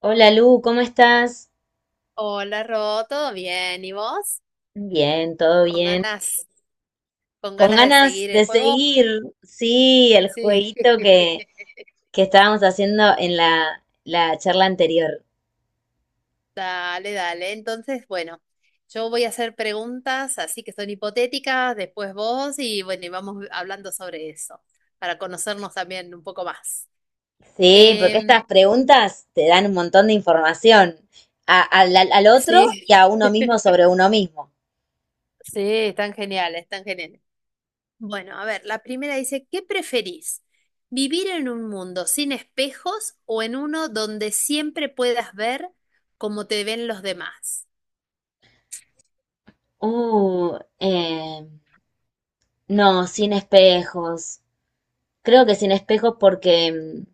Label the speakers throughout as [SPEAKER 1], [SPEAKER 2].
[SPEAKER 1] Hola Lu, ¿cómo estás?
[SPEAKER 2] Hola, Ro, ¿todo bien? ¿Y vos?
[SPEAKER 1] Bien, todo
[SPEAKER 2] ¿Con
[SPEAKER 1] bien.
[SPEAKER 2] ganas, con
[SPEAKER 1] Con
[SPEAKER 2] ganas de
[SPEAKER 1] ganas
[SPEAKER 2] seguir
[SPEAKER 1] de
[SPEAKER 2] el juego?
[SPEAKER 1] seguir, sí, el
[SPEAKER 2] Sí.
[SPEAKER 1] jueguito que estábamos haciendo en la charla anterior.
[SPEAKER 2] Dale, dale. Entonces, bueno, yo voy a hacer preguntas, así que son hipotéticas, después vos y bueno, y vamos hablando sobre eso, para conocernos también un poco más.
[SPEAKER 1] Sí, porque estas
[SPEAKER 2] Em,
[SPEAKER 1] preguntas te dan un montón de información al otro
[SPEAKER 2] sí,
[SPEAKER 1] y a uno mismo sobre uno mismo.
[SPEAKER 2] sí, están geniales, están geniales. Bueno, a ver, la primera dice, ¿qué preferís? ¿Vivir en un mundo sin espejos o en uno donde siempre puedas ver cómo te ven los demás?
[SPEAKER 1] Uh, eh, no, sin espejos. Creo que sin espejos porque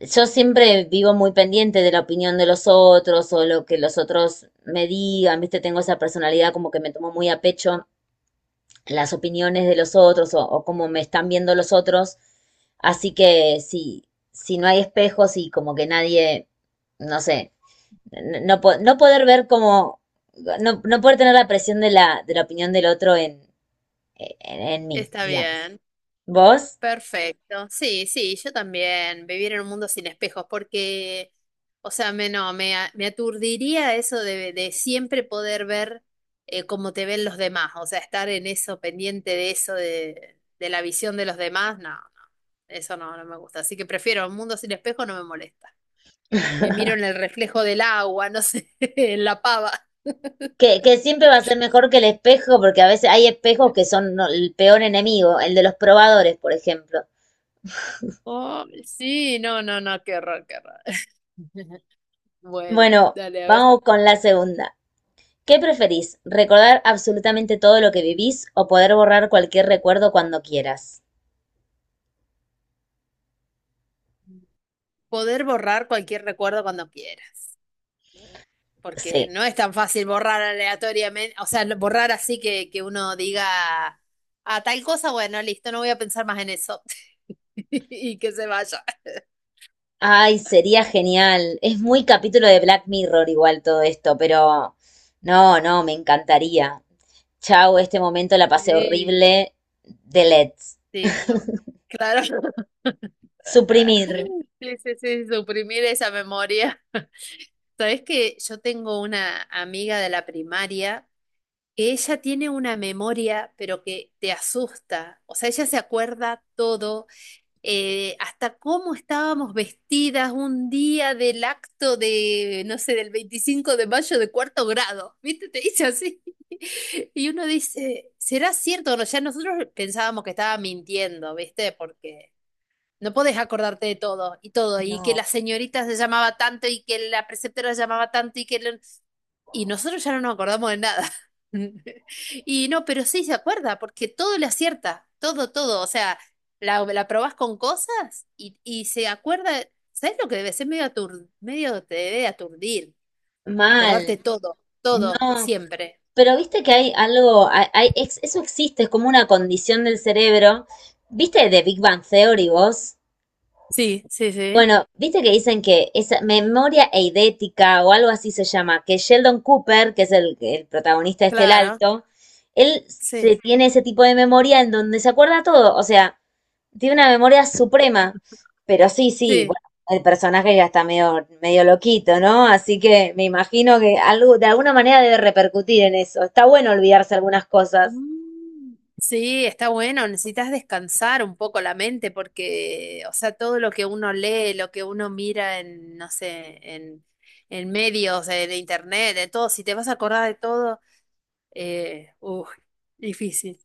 [SPEAKER 1] yo siempre vivo muy pendiente de la opinión de los otros o lo que los otros me digan, ¿viste? Tengo esa personalidad como que me tomo muy a pecho las opiniones de los otros o cómo me están viendo los otros. Así que si no hay espejos y como que nadie, no sé, no poder ver como, no poder tener la presión de de la opinión del otro en mí,
[SPEAKER 2] Está
[SPEAKER 1] digamos.
[SPEAKER 2] bien.
[SPEAKER 1] ¿Vos?
[SPEAKER 2] Perfecto. Sí, sí, yo también. Vivir en un mundo sin espejos, porque, o sea, me, no, me, a- me aturdiría eso de siempre poder ver cómo te ven los demás. O sea, estar en eso, pendiente de eso, de la visión de los demás, no, no, eso no, no me gusta. Así que prefiero un mundo sin espejos, no me molesta. Me miro en el reflejo del agua, no sé, en la pava.
[SPEAKER 1] Que siempre va a ser mejor que el espejo, porque a veces hay espejos que son el peor enemigo, el de los probadores, por ejemplo.
[SPEAKER 2] Oh, sí, no, no, no, qué horror, qué horror. Bueno,
[SPEAKER 1] Bueno,
[SPEAKER 2] dale, a ver.
[SPEAKER 1] vamos con la segunda. ¿Qué preferís? ¿Recordar absolutamente todo lo que vivís o poder borrar cualquier recuerdo cuando quieras?
[SPEAKER 2] Poder borrar cualquier recuerdo cuando quieras, porque
[SPEAKER 1] Sí.
[SPEAKER 2] no es tan fácil borrar aleatoriamente, o sea, borrar así que uno diga, a tal cosa, bueno, listo, no voy a pensar más en eso y que se vaya.
[SPEAKER 1] Ay, sería genial. Es muy capítulo de Black Mirror igual todo esto, pero no, me encantaría. Chau, este momento la pasé
[SPEAKER 2] Sí,
[SPEAKER 1] horrible. Delete.
[SPEAKER 2] listo. Claro,
[SPEAKER 1] Suprimir.
[SPEAKER 2] sí, sí, sí, suprimir esa memoria. Sabes que yo tengo una amiga de la primaria que ella tiene una memoria, pero que te asusta. O sea, ella se acuerda todo hasta cómo estábamos vestidas un día del acto de, no sé, del 25 de mayo de cuarto grado, ¿viste? Te dice así. Y uno dice, ¿será cierto? O no, ya nosotros pensábamos que estaba mintiendo, ¿viste? Porque no podés acordarte de todo y todo, y que
[SPEAKER 1] No.
[SPEAKER 2] la señorita se llamaba tanto y que la preceptora se llamaba tanto y que Y nosotros ya no nos acordamos de nada. Y no, pero sí se acuerda, porque todo le acierta, todo, todo. O sea, la probás con cosas y se acuerda, ¿sabes lo que debe ser? Medio te debe aturdir, acordarte
[SPEAKER 1] Mal.
[SPEAKER 2] todo, todo,
[SPEAKER 1] No,
[SPEAKER 2] siempre.
[SPEAKER 1] pero viste que hay algo, eso existe, es como una condición del cerebro. ¿Viste de Big Bang Theory vos?
[SPEAKER 2] Sí, sí, sí,
[SPEAKER 1] Bueno, viste que dicen que esa memoria eidética o algo así se llama, que Sheldon Cooper, que es el protagonista de este El
[SPEAKER 2] claro,
[SPEAKER 1] Alto, él
[SPEAKER 2] sí,
[SPEAKER 1] se tiene ese tipo de memoria en donde se acuerda todo. O sea, tiene una memoria suprema, pero sí,
[SPEAKER 2] sí.
[SPEAKER 1] bueno, el personaje ya está medio loquito, ¿no? Así que me imagino que algo, de alguna manera debe repercutir en eso. Está bueno olvidarse algunas cosas.
[SPEAKER 2] Mm. Sí, está bueno, necesitas descansar un poco la mente porque, o sea, todo lo que uno lee, lo que uno mira en, no sé, en medios, en internet, de todo, si te vas a acordar de todo, uf, difícil.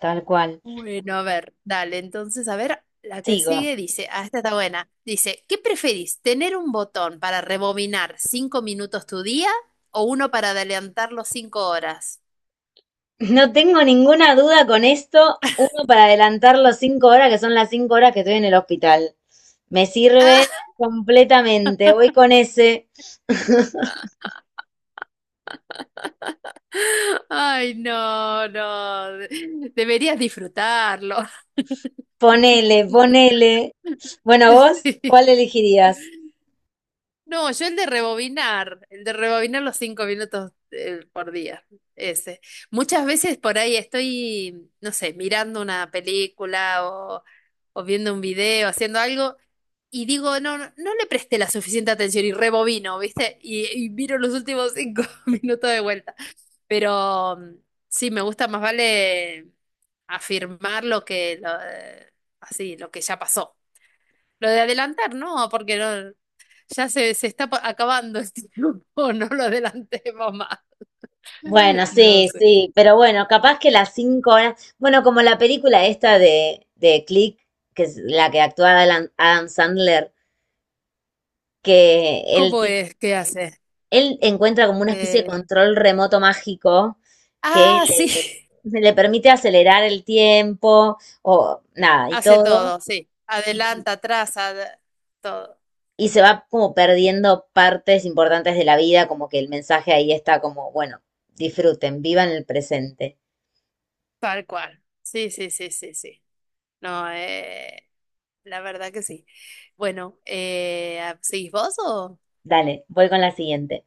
[SPEAKER 1] Tal cual.
[SPEAKER 2] Bueno, a ver, dale, entonces, a ver, la que
[SPEAKER 1] Sigo.
[SPEAKER 2] sigue dice, ah, esta está buena, dice, ¿qué preferís, tener un botón para rebobinar 5 minutos tu día o uno para adelantarlo 5 horas?
[SPEAKER 1] No tengo ninguna duda con esto. Uno para adelantar los 5 horas, que son las 5 horas que estoy en el hospital. Me sirve
[SPEAKER 2] Ah,
[SPEAKER 1] completamente. Voy con ese.
[SPEAKER 2] ay, no, no. Deberías disfrutarlo.
[SPEAKER 1] Ponele, ponele. Bueno, vos, ¿cuál elegirías?
[SPEAKER 2] No, yo el de rebobinar los 5 minutos por día, ese. Muchas veces por ahí estoy, no sé, mirando una película o viendo un video, haciendo algo, y digo, no, no, no le presté la suficiente atención y rebobino, ¿viste? Y miro los últimos cinco minutos de vuelta. Pero sí, me gusta más vale afirmar lo que lo, así, lo que ya pasó. Lo de adelantar, no, porque no, ya se está acabando el tiempo, no lo adelantemos más.
[SPEAKER 1] Bueno,
[SPEAKER 2] No sé.
[SPEAKER 1] sí, pero bueno, capaz que las 5 horas, bueno, como la película esta de Click, que es la que actúa Adam Sandler, que
[SPEAKER 2] ¿Cómo es? ¿Qué hace?
[SPEAKER 1] él encuentra como una especie de
[SPEAKER 2] Eh,
[SPEAKER 1] control remoto mágico que
[SPEAKER 2] ah, sí,
[SPEAKER 1] le permite acelerar el tiempo o nada, y
[SPEAKER 2] hace
[SPEAKER 1] todo,
[SPEAKER 2] todo, sí.
[SPEAKER 1] y, como-
[SPEAKER 2] Adelanta, atrás, todo,
[SPEAKER 1] y se va como perdiendo partes importantes de la vida, como que el mensaje ahí está como, bueno, disfruten, vivan el presente.
[SPEAKER 2] tal cual. Sí, sí, sí, sí, sí. No, la verdad que sí. Bueno, ¿seguís vos o...?
[SPEAKER 1] Dale, voy con la siguiente.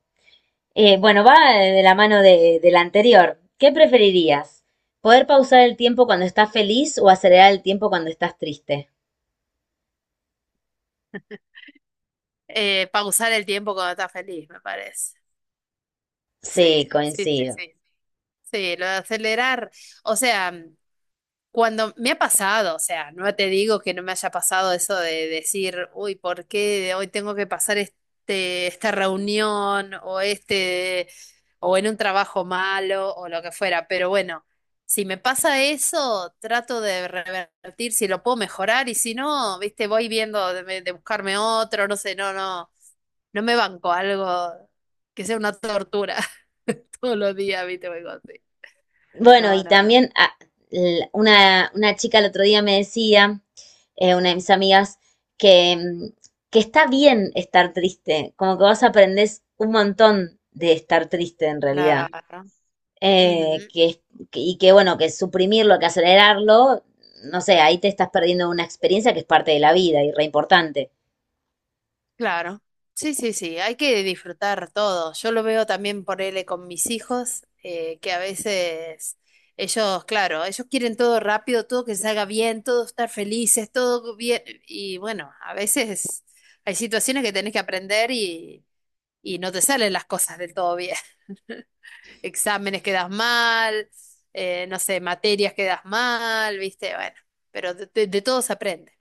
[SPEAKER 1] Bueno, va de la mano de la anterior. ¿Qué preferirías? ¿Poder pausar el tiempo cuando estás feliz o acelerar el tiempo cuando estás triste?
[SPEAKER 2] Pausar el tiempo cuando estás feliz, me parece.
[SPEAKER 1] Sí,
[SPEAKER 2] Sí, sí, sí,
[SPEAKER 1] coincido.
[SPEAKER 2] sí. Sí, lo de acelerar. O sea, cuando me ha pasado, o sea, no te digo que no me haya pasado eso de decir, uy, ¿por qué hoy tengo que pasar esta reunión o o en un trabajo malo o lo que fuera? Pero bueno, si me pasa eso, trato de revertir si lo puedo mejorar y si no, viste, voy viendo de buscarme otro, no sé, no, no. No me banco algo que sea una tortura todos los días, ¿viste? O algo así.
[SPEAKER 1] Bueno,
[SPEAKER 2] No,
[SPEAKER 1] y
[SPEAKER 2] no, no.
[SPEAKER 1] también una chica el otro día me decía, una de mis amigas, que, mm, que está bien estar triste, como que vos aprendés un montón de estar triste en realidad.
[SPEAKER 2] Claro.
[SPEAKER 1] eh,
[SPEAKER 2] Ujú,
[SPEAKER 1] que, es- y que bueno, que suprimirlo, que acelerarlo, no sé, ahí te estás perdiendo una experiencia que es parte de la vida y re importante.
[SPEAKER 2] claro. Sí, sí, sí. Hay que disfrutar todo. Yo lo veo también por él con mis hijos, que a veces ellos, claro, ellos quieren todo rápido, todo que salga bien, todo estar felices, todo bien. Y bueno, a veces hay situaciones que tenés que aprender y no te salen las cosas del todo bien. Exámenes que das mal, no sé, materias que das mal, ¿viste? Bueno, pero de, de todo se aprende.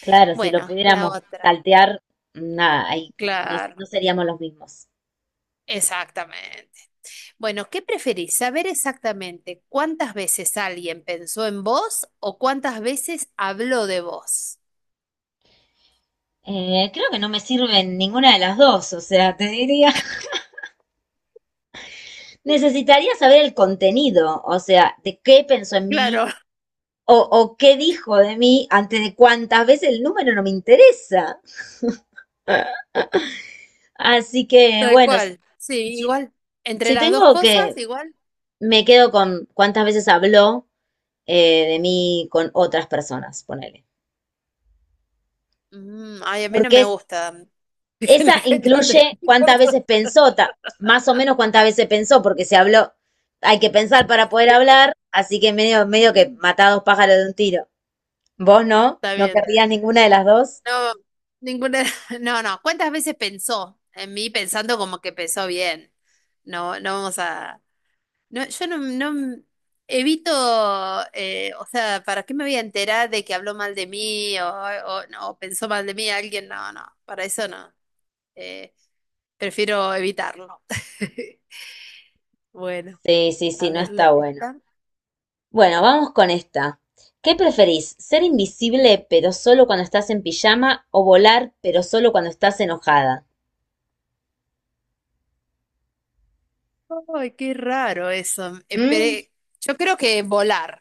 [SPEAKER 1] Claro, si lo
[SPEAKER 2] Bueno, la
[SPEAKER 1] pudiéramos
[SPEAKER 2] otra.
[SPEAKER 1] saltear, nada, ahí
[SPEAKER 2] Claro,
[SPEAKER 1] no seríamos los mismos.
[SPEAKER 2] exactamente. Bueno, ¿qué preferís? ¿Saber exactamente cuántas veces alguien pensó en vos o cuántas veces habló de vos?
[SPEAKER 1] Creo que no me sirven ninguna de las dos, o sea, te diría. Necesitaría saber el contenido, o sea, de qué pensó en mí
[SPEAKER 2] Claro,
[SPEAKER 1] o qué dijo de mí antes de cuántas veces el número no me interesa. Así que,
[SPEAKER 2] tal
[SPEAKER 1] bueno,
[SPEAKER 2] cual. Sí,
[SPEAKER 1] si,
[SPEAKER 2] igual. Entre
[SPEAKER 1] si
[SPEAKER 2] las dos
[SPEAKER 1] tengo
[SPEAKER 2] cosas,
[SPEAKER 1] que
[SPEAKER 2] igual.
[SPEAKER 1] me quedo con cuántas veces habló de mí con otras personas, ponele.
[SPEAKER 2] Mm, ay, a mí no
[SPEAKER 1] Porque
[SPEAKER 2] me
[SPEAKER 1] es,
[SPEAKER 2] gusta que la
[SPEAKER 1] esa
[SPEAKER 2] gente hable de
[SPEAKER 1] incluye
[SPEAKER 2] mí por
[SPEAKER 1] cuántas
[SPEAKER 2] otro.
[SPEAKER 1] veces pensó, más o menos cuántas veces pensó, porque se habló, hay que pensar para poder
[SPEAKER 2] Sí.
[SPEAKER 1] hablar, así que medio que matá a dos pájaros de un tiro. ¿Vos no?
[SPEAKER 2] Está
[SPEAKER 1] ¿No
[SPEAKER 2] bien, está
[SPEAKER 1] querrías
[SPEAKER 2] bien.
[SPEAKER 1] ninguna de las dos?
[SPEAKER 2] No, ninguna, no, no. ¿Cuántas veces pensó en mí pensando como que pensó bien? No, no vamos a, no, yo no, no evito, o sea, ¿para qué me voy a enterar de que habló mal de mí o, no, o pensó mal de mí alguien? No, no, para eso no. Eh, Prefiero evitarlo. Bueno,
[SPEAKER 1] Sí, sí,
[SPEAKER 2] a
[SPEAKER 1] sí, no
[SPEAKER 2] verle
[SPEAKER 1] está bueno.
[SPEAKER 2] está.
[SPEAKER 1] Bueno, vamos con esta. ¿Qué preferís? ¿Ser invisible pero solo cuando estás en pijama o volar pero solo cuando estás enojada?
[SPEAKER 2] Ay, qué raro eso. Eh,
[SPEAKER 1] Mm.
[SPEAKER 2] pe- yo creo que volar.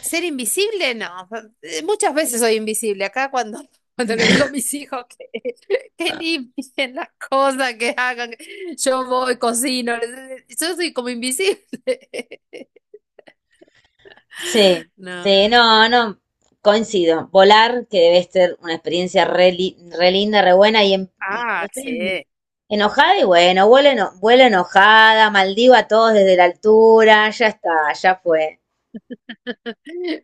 [SPEAKER 2] Ser invisible, no. Muchas veces soy invisible. Acá cuando, cuando le digo a mis hijos que, que limpien las cosas, que hagan, yo voy, cocino. Yo soy como invisible.
[SPEAKER 1] Sí,
[SPEAKER 2] No.
[SPEAKER 1] sí, no, no, coincido. Volar, que debe ser una experiencia re linda, re buena, y cuando
[SPEAKER 2] Ah, sí.
[SPEAKER 1] enojada, y bueno, vuelo, vuelo enojada, maldigo a todos desde la altura, ya está, ya fue.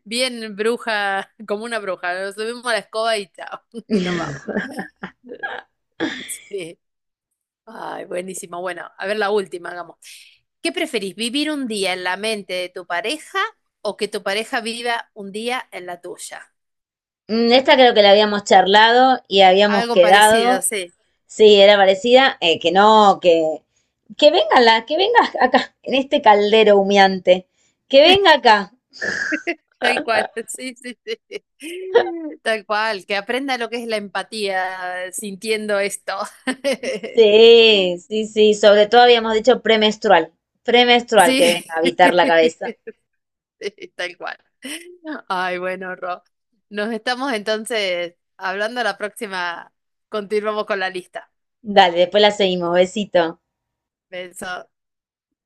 [SPEAKER 2] Bien bruja, como una bruja. Nos subimos a la escoba y chao. Y nos vamos. Sí. Ay, buenísimo. Bueno, a ver la última, hagamos. ¿Qué preferís, vivir un día en la mente de tu pareja o que tu pareja viva un día en la tuya?
[SPEAKER 1] Mm, esta creo que la habíamos charlado y habíamos
[SPEAKER 2] Algo parecido,
[SPEAKER 1] quedado,
[SPEAKER 2] sí,
[SPEAKER 1] sí, era parecida, que no, que venga que venga acá, en este caldero humeante, que venga acá.
[SPEAKER 2] tal cual, sí, sí, sí, tal cual, que aprenda lo que es la empatía sintiendo esto.
[SPEAKER 1] Sí, sí, sí, sobre todo habíamos dicho premenstrual, premenstrual que
[SPEAKER 2] Sí,
[SPEAKER 1] venga a habitar la cabeza.
[SPEAKER 2] sí, tal cual. Ay, bueno, Ro, nos estamos entonces hablando la próxima, continuamos con la lista.
[SPEAKER 1] Dale, después la seguimos, besito.
[SPEAKER 2] Beso.